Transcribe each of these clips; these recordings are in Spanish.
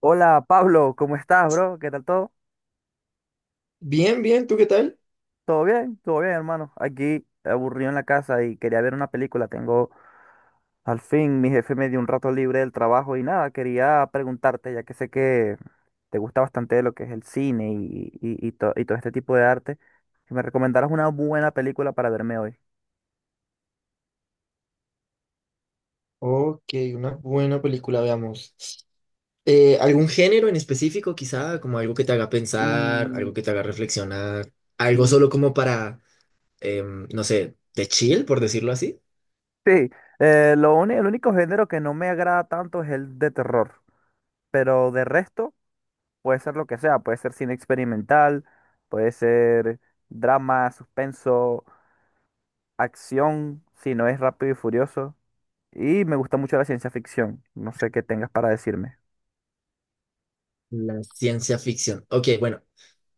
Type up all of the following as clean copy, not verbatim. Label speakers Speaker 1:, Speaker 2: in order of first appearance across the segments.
Speaker 1: Hola Pablo, ¿cómo estás, bro? ¿Qué tal todo?
Speaker 2: Bien, bien, ¿tú qué tal?
Speaker 1: ¿Todo bien? ¿Todo bien, hermano? Aquí aburrido en la casa y quería ver una película. Tengo, al fin, mi jefe me dio un rato libre del trabajo y nada, quería preguntarte, ya que sé que te gusta bastante lo que es el cine y todo este tipo de arte, que me recomendaras una buena película para verme hoy.
Speaker 2: Ok, una buena película, veamos. ¿Algún género en específico, quizá? Como algo que te haga pensar, algo
Speaker 1: Mm,
Speaker 2: que te haga reflexionar, algo
Speaker 1: mm,
Speaker 2: solo como para, no sé, de chill, por decirlo así.
Speaker 1: Sí, el único género que no me agrada tanto es el de terror, pero de resto. Puede ser lo que sea, puede ser cine experimental, puede ser drama, suspenso, acción, si no es rápido y furioso. Y me gusta mucho la ciencia ficción. No sé qué tengas para decirme.
Speaker 2: La ciencia ficción. Ok, bueno,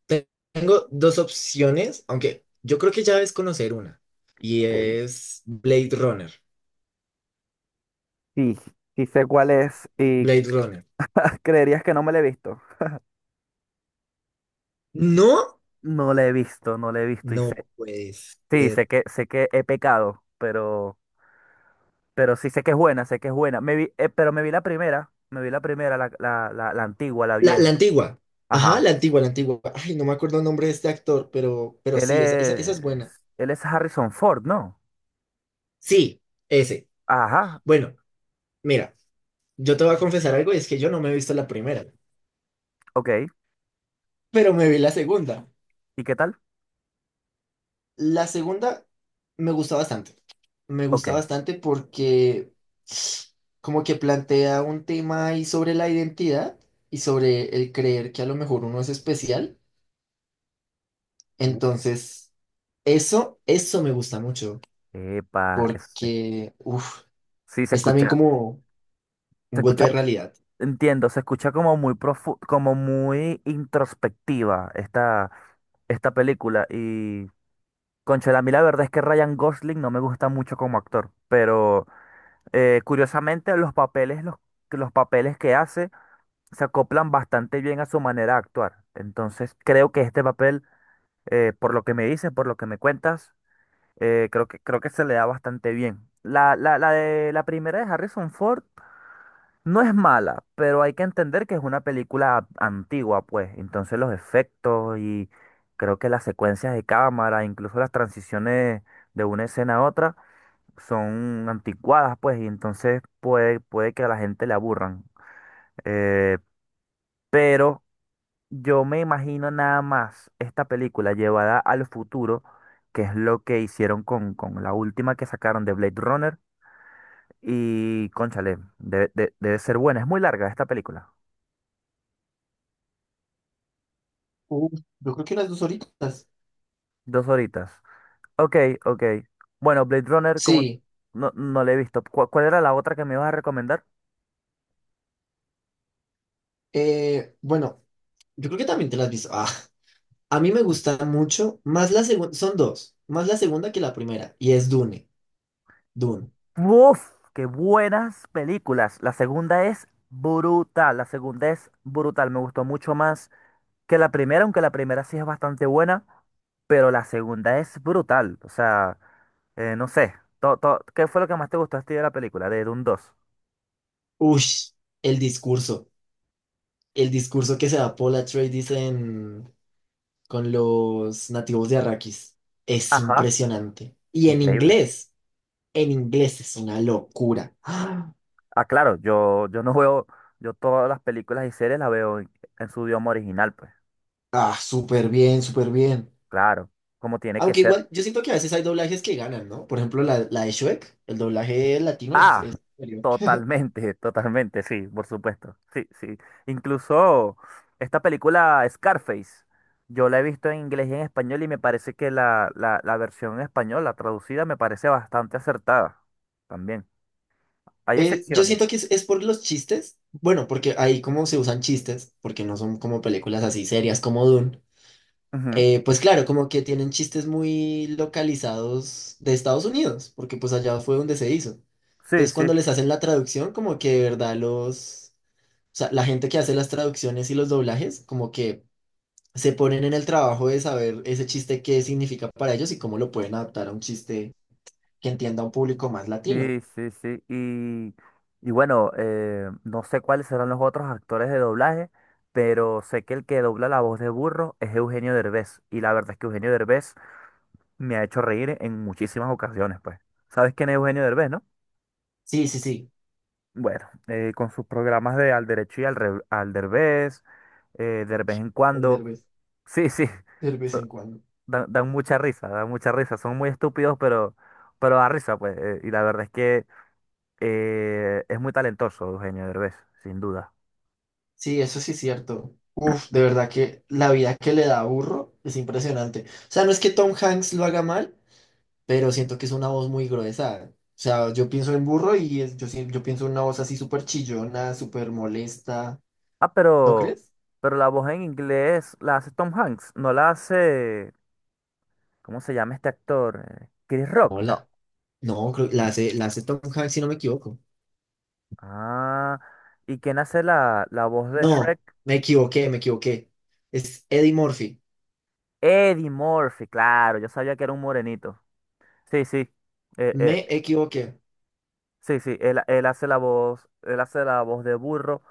Speaker 2: te- tengo dos opciones, aunque yo creo que ya es conocer una, y
Speaker 1: Ok.
Speaker 2: es Blade Runner.
Speaker 1: Sí, sí sé cuál es, y
Speaker 2: Blade Runner.
Speaker 1: creerías que no me la he visto.
Speaker 2: No,
Speaker 1: No la he visto, no la he visto y sé.
Speaker 2: no puede
Speaker 1: Sí,
Speaker 2: ser.
Speaker 1: sé que he pecado, pero sí sé que es buena, sé que es buena. Me vi, pero me vi la primera, me vi la primera, la antigua, la
Speaker 2: La
Speaker 1: vieja.
Speaker 2: antigua. Ajá, la
Speaker 1: Ajá.
Speaker 2: antigua, la antigua. Ay, no me acuerdo el nombre de este actor, pero
Speaker 1: Él
Speaker 2: sí, esa
Speaker 1: es,
Speaker 2: es buena.
Speaker 1: él es Harrison Ford, ¿no?
Speaker 2: Sí, ese.
Speaker 1: Ajá,
Speaker 2: Bueno, mira, yo te voy a confesar algo, y es que yo no me he visto la primera,
Speaker 1: ok.
Speaker 2: pero me vi la segunda.
Speaker 1: ¿Y qué tal?
Speaker 2: La segunda me gusta bastante. Me
Speaker 1: Ok.
Speaker 2: gusta bastante porque como que plantea un tema ahí sobre la identidad y sobre el creer que a lo mejor uno es especial.
Speaker 1: Uh,
Speaker 2: Entonces, eso me gusta mucho.
Speaker 1: epa,
Speaker 2: Porque, uff,
Speaker 1: sí,
Speaker 2: es también como
Speaker 1: se
Speaker 2: un golpe
Speaker 1: escucha,
Speaker 2: de realidad.
Speaker 1: entiendo, se escucha como como muy introspectiva esta, esta película. Y, conchale, a mí la verdad es que Ryan Gosling no me gusta mucho como actor, pero curiosamente los papeles, los papeles que hace se acoplan bastante bien a su manera de actuar. Entonces creo que este papel, por lo que me dices, por lo que me cuentas, creo que se le da bastante bien. La de la primera de Harrison Ford no es mala, pero hay que entender que es una película antigua, pues. Entonces los efectos y creo que las secuencias de cámara, incluso las transiciones de una escena a otra, son anticuadas, pues, y entonces puede que a la gente le aburran. Eh, pero yo me imagino nada más esta película llevada al futuro, que es lo que hicieron con la última que sacaron de Blade Runner. Y cónchale, debe ser buena. Es muy larga esta película.
Speaker 2: Uf, yo creo que las 2 horitas.
Speaker 1: Dos horitas. Ok, ok. Bueno, Blade Runner, como
Speaker 2: Sí,
Speaker 1: no, no la he visto. ¿Cuál, cuál era la otra que me ibas a recomendar?
Speaker 2: bueno, yo creo que también te las has visto. Ah, a mí me
Speaker 1: Mm.
Speaker 2: gusta mucho, más la segunda, son dos, más la segunda que la primera, y es Dune, Dune.
Speaker 1: ¡Uf! ¡Qué buenas películas! La segunda es brutal. La segunda es brutal. Me gustó mucho más que la primera, aunque la primera sí es bastante buena, pero la segunda es brutal. O sea, no sé, ¿qué fue lo que más te gustó a ti de la película, de Dune dos?
Speaker 2: Ush, el discurso, el discurso que se da Paul Atreides en, con los nativos de Arrakis, es
Speaker 1: Ajá,
Speaker 2: impresionante. Y
Speaker 1: increíble.
Speaker 2: en inglés es una locura.
Speaker 1: Ah, claro, yo no veo, yo todas las películas y series las veo en su idioma original, pues,
Speaker 2: Ah, ah, súper bien, súper bien.
Speaker 1: claro, como tiene que
Speaker 2: Aunque
Speaker 1: ser.
Speaker 2: igual, yo siento que a veces hay doblajes que ganan, ¿no? Por ejemplo, la de Shrek, el doblaje latino
Speaker 1: Ah,
Speaker 2: es superior.
Speaker 1: totalmente, totalmente, sí, por supuesto. Sí, sí. Incluso esta película Scarface, yo la he visto en inglés y en español y me parece que la versión en español, la traducida, me parece bastante acertada también. Hay
Speaker 2: Yo
Speaker 1: excepciones.
Speaker 2: siento que es por los chistes. Bueno, porque ahí como se usan chistes, porque no son como películas así serias como Dune.
Speaker 1: Ujú.
Speaker 2: Pues claro, como que tienen chistes muy localizados de Estados Unidos, porque pues allá fue donde se hizo.
Speaker 1: Sí,
Speaker 2: Entonces,
Speaker 1: sí,
Speaker 2: cuando les hacen la traducción, como que de verdad los... O sea, la gente que hace las traducciones y los doblajes, como que se ponen en el trabajo de saber ese chiste qué significa para ellos y cómo lo pueden adaptar a un chiste que entienda a un público más latino.
Speaker 1: sí, sí, sí. Y bueno, no sé cuáles serán los otros actores de doblaje, pero sé que el que dobla la voz de Burro es Eugenio Derbez. Y la verdad es que Eugenio Derbez me ha hecho reír en muchísimas ocasiones, pues. ¿Sabes quién es Eugenio Derbez, no?
Speaker 2: Sí, sí, sí,
Speaker 1: Bueno, con sus programas de Al Derecho y Al Derbez, Derbez en
Speaker 2: el
Speaker 1: cuando.
Speaker 2: Derbez,
Speaker 1: Sí, sí,
Speaker 2: de vez
Speaker 1: so-
Speaker 2: en cuando.
Speaker 1: dan, dan mucha risa, dan mucha risa. Son muy estúpidos, pero da risa, pues. Y la verdad es que es muy talentoso Eugenio Derbez, sin duda.
Speaker 2: Sí, eso sí es cierto. Uf, de verdad que la vida que le da a Burro es impresionante. O sea, no es que Tom Hanks lo haga mal, pero siento que es una voz muy gruesa. O sea, yo pienso en Burro y yo, yo pienso en una voz así súper chillona, súper molesta.
Speaker 1: Ah,
Speaker 2: ¿No
Speaker 1: pero,
Speaker 2: crees?
Speaker 1: pero la voz en inglés la hace Tom Hanks, no la hace, ¿cómo se llama este actor? Chris Rock,
Speaker 2: No,
Speaker 1: no.
Speaker 2: no, la hace Tom Hanks si no me equivoco.
Speaker 1: Ah, ¿y quién hace la voz de
Speaker 2: No,
Speaker 1: Shrek?
Speaker 2: me equivoqué, me equivoqué. Es Eddie Murphy.
Speaker 1: Eddie Murphy, claro, yo sabía que era un morenito. Sí, sí, eh, eh,
Speaker 2: Me equivoqué.
Speaker 1: sí, sí, él hace la voz, él hace la voz de burro.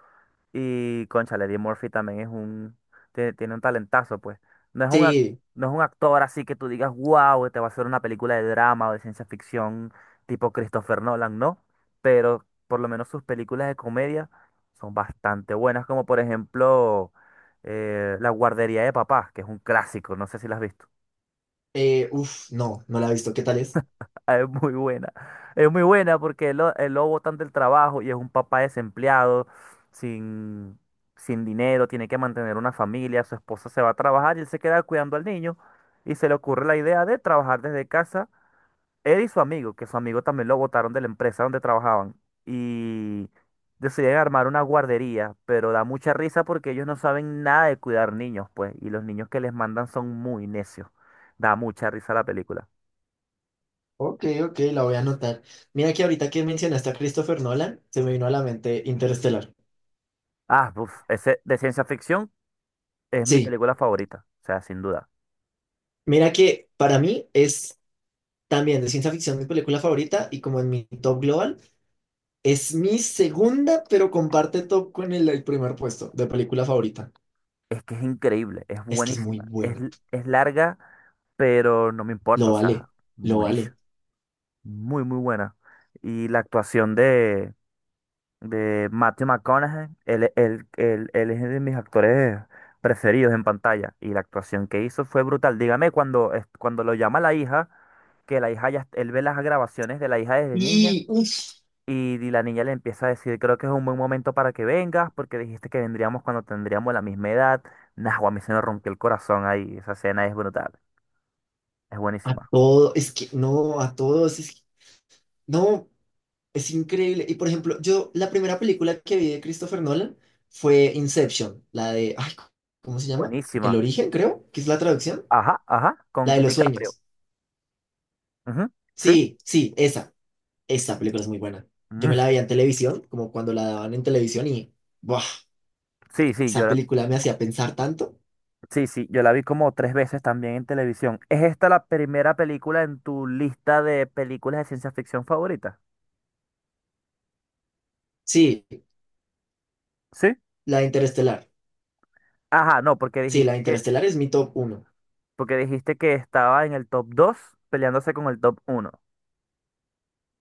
Speaker 1: Y cónchale, Eddie Murphy también es un, tiene un talentazo, pues. No es un,
Speaker 2: Sí,
Speaker 1: no es un actor así que tú digas, wow, te va a hacer una película de drama o de ciencia ficción tipo Christopher Nolan, no. Pero por lo menos sus películas de comedia son bastante buenas, como por ejemplo La guardería de papá, que es un clásico, no sé si la has visto.
Speaker 2: uff, no, no la he visto. ¿Qué tal es?
Speaker 1: Ah, es muy buena. Es muy buena porque el lobo botan del trabajo y es un papá desempleado, sin, sin dinero, tiene que mantener una familia, su esposa se va a trabajar y él se queda cuidando al niño y se le ocurre la idea de trabajar desde casa, él y su amigo, que su amigo también lo botaron de la empresa donde trabajaban y deciden armar una guardería, pero da mucha risa porque ellos no saben nada de cuidar niños, pues, y los niños que les mandan son muy necios. Da mucha risa la película.
Speaker 2: Ok, ok, la voy a anotar. Mira que ahorita que mencionaste a Christopher Nolan, se me vino a la mente Interestelar.
Speaker 1: Ah, uf, ese de ciencia ficción es mi
Speaker 2: Sí,
Speaker 1: película favorita, o sea, sin duda.
Speaker 2: mira que para mí es también de ciencia ficción mi película favorita y como en mi top global, es mi segunda, pero comparte top con el primer puesto de película favorita.
Speaker 1: Es que es increíble, es
Speaker 2: Es que es muy
Speaker 1: buenísima. Es,
Speaker 2: buena.
Speaker 1: es larga, pero no me importa,
Speaker 2: Lo
Speaker 1: o
Speaker 2: vale,
Speaker 1: sea,
Speaker 2: lo vale.
Speaker 1: buenísima. Muy, muy buena. Y la actuación de Matthew McConaughey, él es de mis actores preferidos en pantalla. Y la actuación que hizo fue brutal. Dígame, cuando, cuando lo llama la hija, que la hija ya, él ve las grabaciones de la hija desde niña.
Speaker 2: Y, uff.
Speaker 1: Y la niña le empieza a decir, creo que es un buen momento para que vengas, porque dijiste que vendríamos cuando tendríamos la misma edad. Nah, guau, a mí se me rompió el corazón ahí. Esa escena es brutal. Es
Speaker 2: A
Speaker 1: buenísima.
Speaker 2: todo, es que no, a todos, es que- no, es increíble. Y por ejemplo, yo, la primera película que vi de Christopher Nolan fue Inception, la de, ay, ¿cómo se llama? El
Speaker 1: Buenísima.
Speaker 2: origen, creo, que es la traducción,
Speaker 1: Ajá, ajá,
Speaker 2: la
Speaker 1: con
Speaker 2: de los
Speaker 1: DiCaprio.
Speaker 2: sueños.
Speaker 1: Ujú. Sí.
Speaker 2: Sí, sí, esa película es muy buena. Yo me la
Speaker 1: Mm.
Speaker 2: veía en televisión, como cuando la daban en televisión y, ¡buah!
Speaker 1: Sí, sí, yo
Speaker 2: Esa
Speaker 1: la,
Speaker 2: película me hacía pensar tanto.
Speaker 1: sí, sí, yo la vi como tres veces también en televisión. ¿Es esta la primera película en tu lista de películas de ciencia ficción favorita?
Speaker 2: Sí,
Speaker 1: Sí.
Speaker 2: la de Interestelar.
Speaker 1: Ajá, no,
Speaker 2: Sí, la de Interestelar es mi top uno.
Speaker 1: porque dijiste que estaba en el top 2 peleándose con el top uno.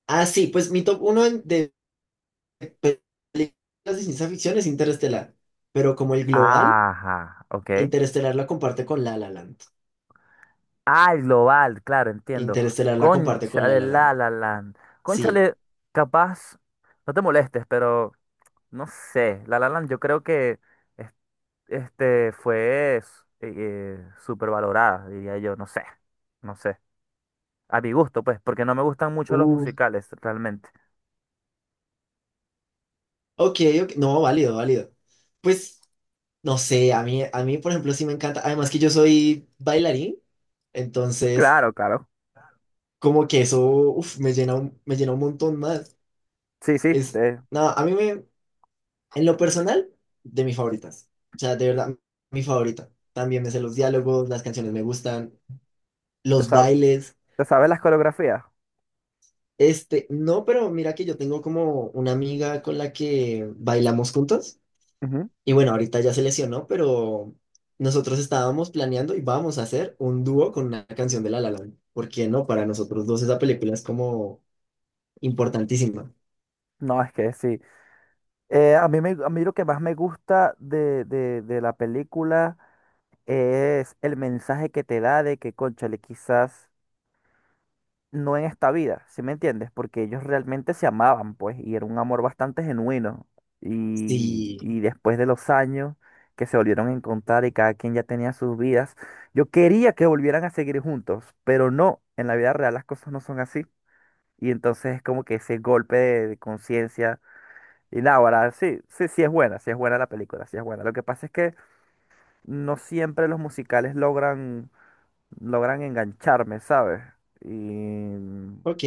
Speaker 2: Ah, sí, pues mi top uno de películas de ciencia ficción es Interestelar, pero como el global,
Speaker 1: Ajá, ok.
Speaker 2: Interestelar la comparte con La La Land.
Speaker 1: Ah, el global, claro, entiendo.
Speaker 2: Interestelar la comparte con La
Speaker 1: Cónchale,
Speaker 2: La Land.
Speaker 1: la, land.
Speaker 2: Sí.
Speaker 1: Cónchale, capaz, no te molestes, pero no sé. La, land, yo creo que es- este fue, eh, súper valorada, diría yo, no sé, no sé. A mi gusto, pues, porque no me gustan mucho los
Speaker 2: Uf.
Speaker 1: musicales, realmente.
Speaker 2: Ok, ok. No, válido, válido. Pues, no sé, a mí, por ejemplo, sí me encanta. Además que yo soy bailarín, entonces,
Speaker 1: Claro, claro.
Speaker 2: como que eso, uf, me llena un montón más.
Speaker 1: Sí, sí,
Speaker 2: Es, nada, a mí me, en lo personal, de mis favoritas. O sea, de verdad, mi favorita. También me sé los diálogos, las canciones me gustan,
Speaker 1: te
Speaker 2: los bailes.
Speaker 1: te sabes las coreografías.
Speaker 2: Este, no, pero mira que yo tengo como una amiga con la que bailamos juntos.
Speaker 1: Ujú.
Speaker 2: Y bueno, ahorita ya se lesionó, pero nosotros estábamos planeando y vamos a hacer un dúo con una canción de La La Land. ¿Por qué no? Para nosotros dos esa película es como importantísima.
Speaker 1: No, es que sí. A mí a mí lo que más me gusta de la película es el mensaje que te da de que, cónchale, quizás no en esta vida, ¿sí me entiendes? Porque ellos realmente se amaban, pues, y era un amor bastante genuino.
Speaker 2: Sí,
Speaker 1: Y después de los años que se volvieron a encontrar y cada quien ya tenía sus vidas, yo quería que volvieran a seguir juntos, pero no, en la vida real las cosas no son así. Y entonces es como que ese golpe de conciencia. Y náguara, sí, sí, sí es buena la película, sí es buena. Lo que pasa es que no siempre los musicales logran, logran engancharme, ¿sabes? Y
Speaker 2: ok.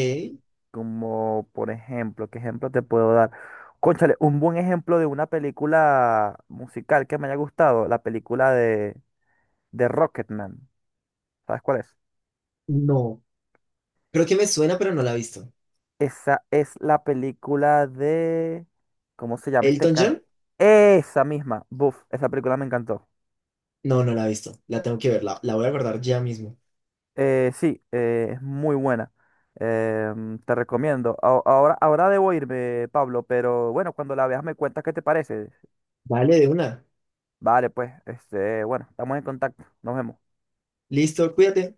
Speaker 1: como, por ejemplo, ¿qué ejemplo te puedo dar? Cónchale, un buen ejemplo de una película musical que me haya gustado, la película de Rocketman. ¿Sabes cuál es?
Speaker 2: No, creo que me suena, pero no la he visto.
Speaker 1: Esa es la película de... ¿Cómo se llama este
Speaker 2: ¿Elton
Speaker 1: canto?
Speaker 2: John?
Speaker 1: Esa misma, buf, esa película me encantó.
Speaker 2: No, no la he visto. La tengo que ver, la voy a guardar ya mismo.
Speaker 1: Sí, es muy buena. Te recomiendo. Ahora, ahora debo irme, Pablo, pero bueno, cuando la veas me cuentas qué te parece.
Speaker 2: Vale, de una.
Speaker 1: Vale, pues, este, bueno, estamos en contacto. Nos vemos.
Speaker 2: Listo, cuídate.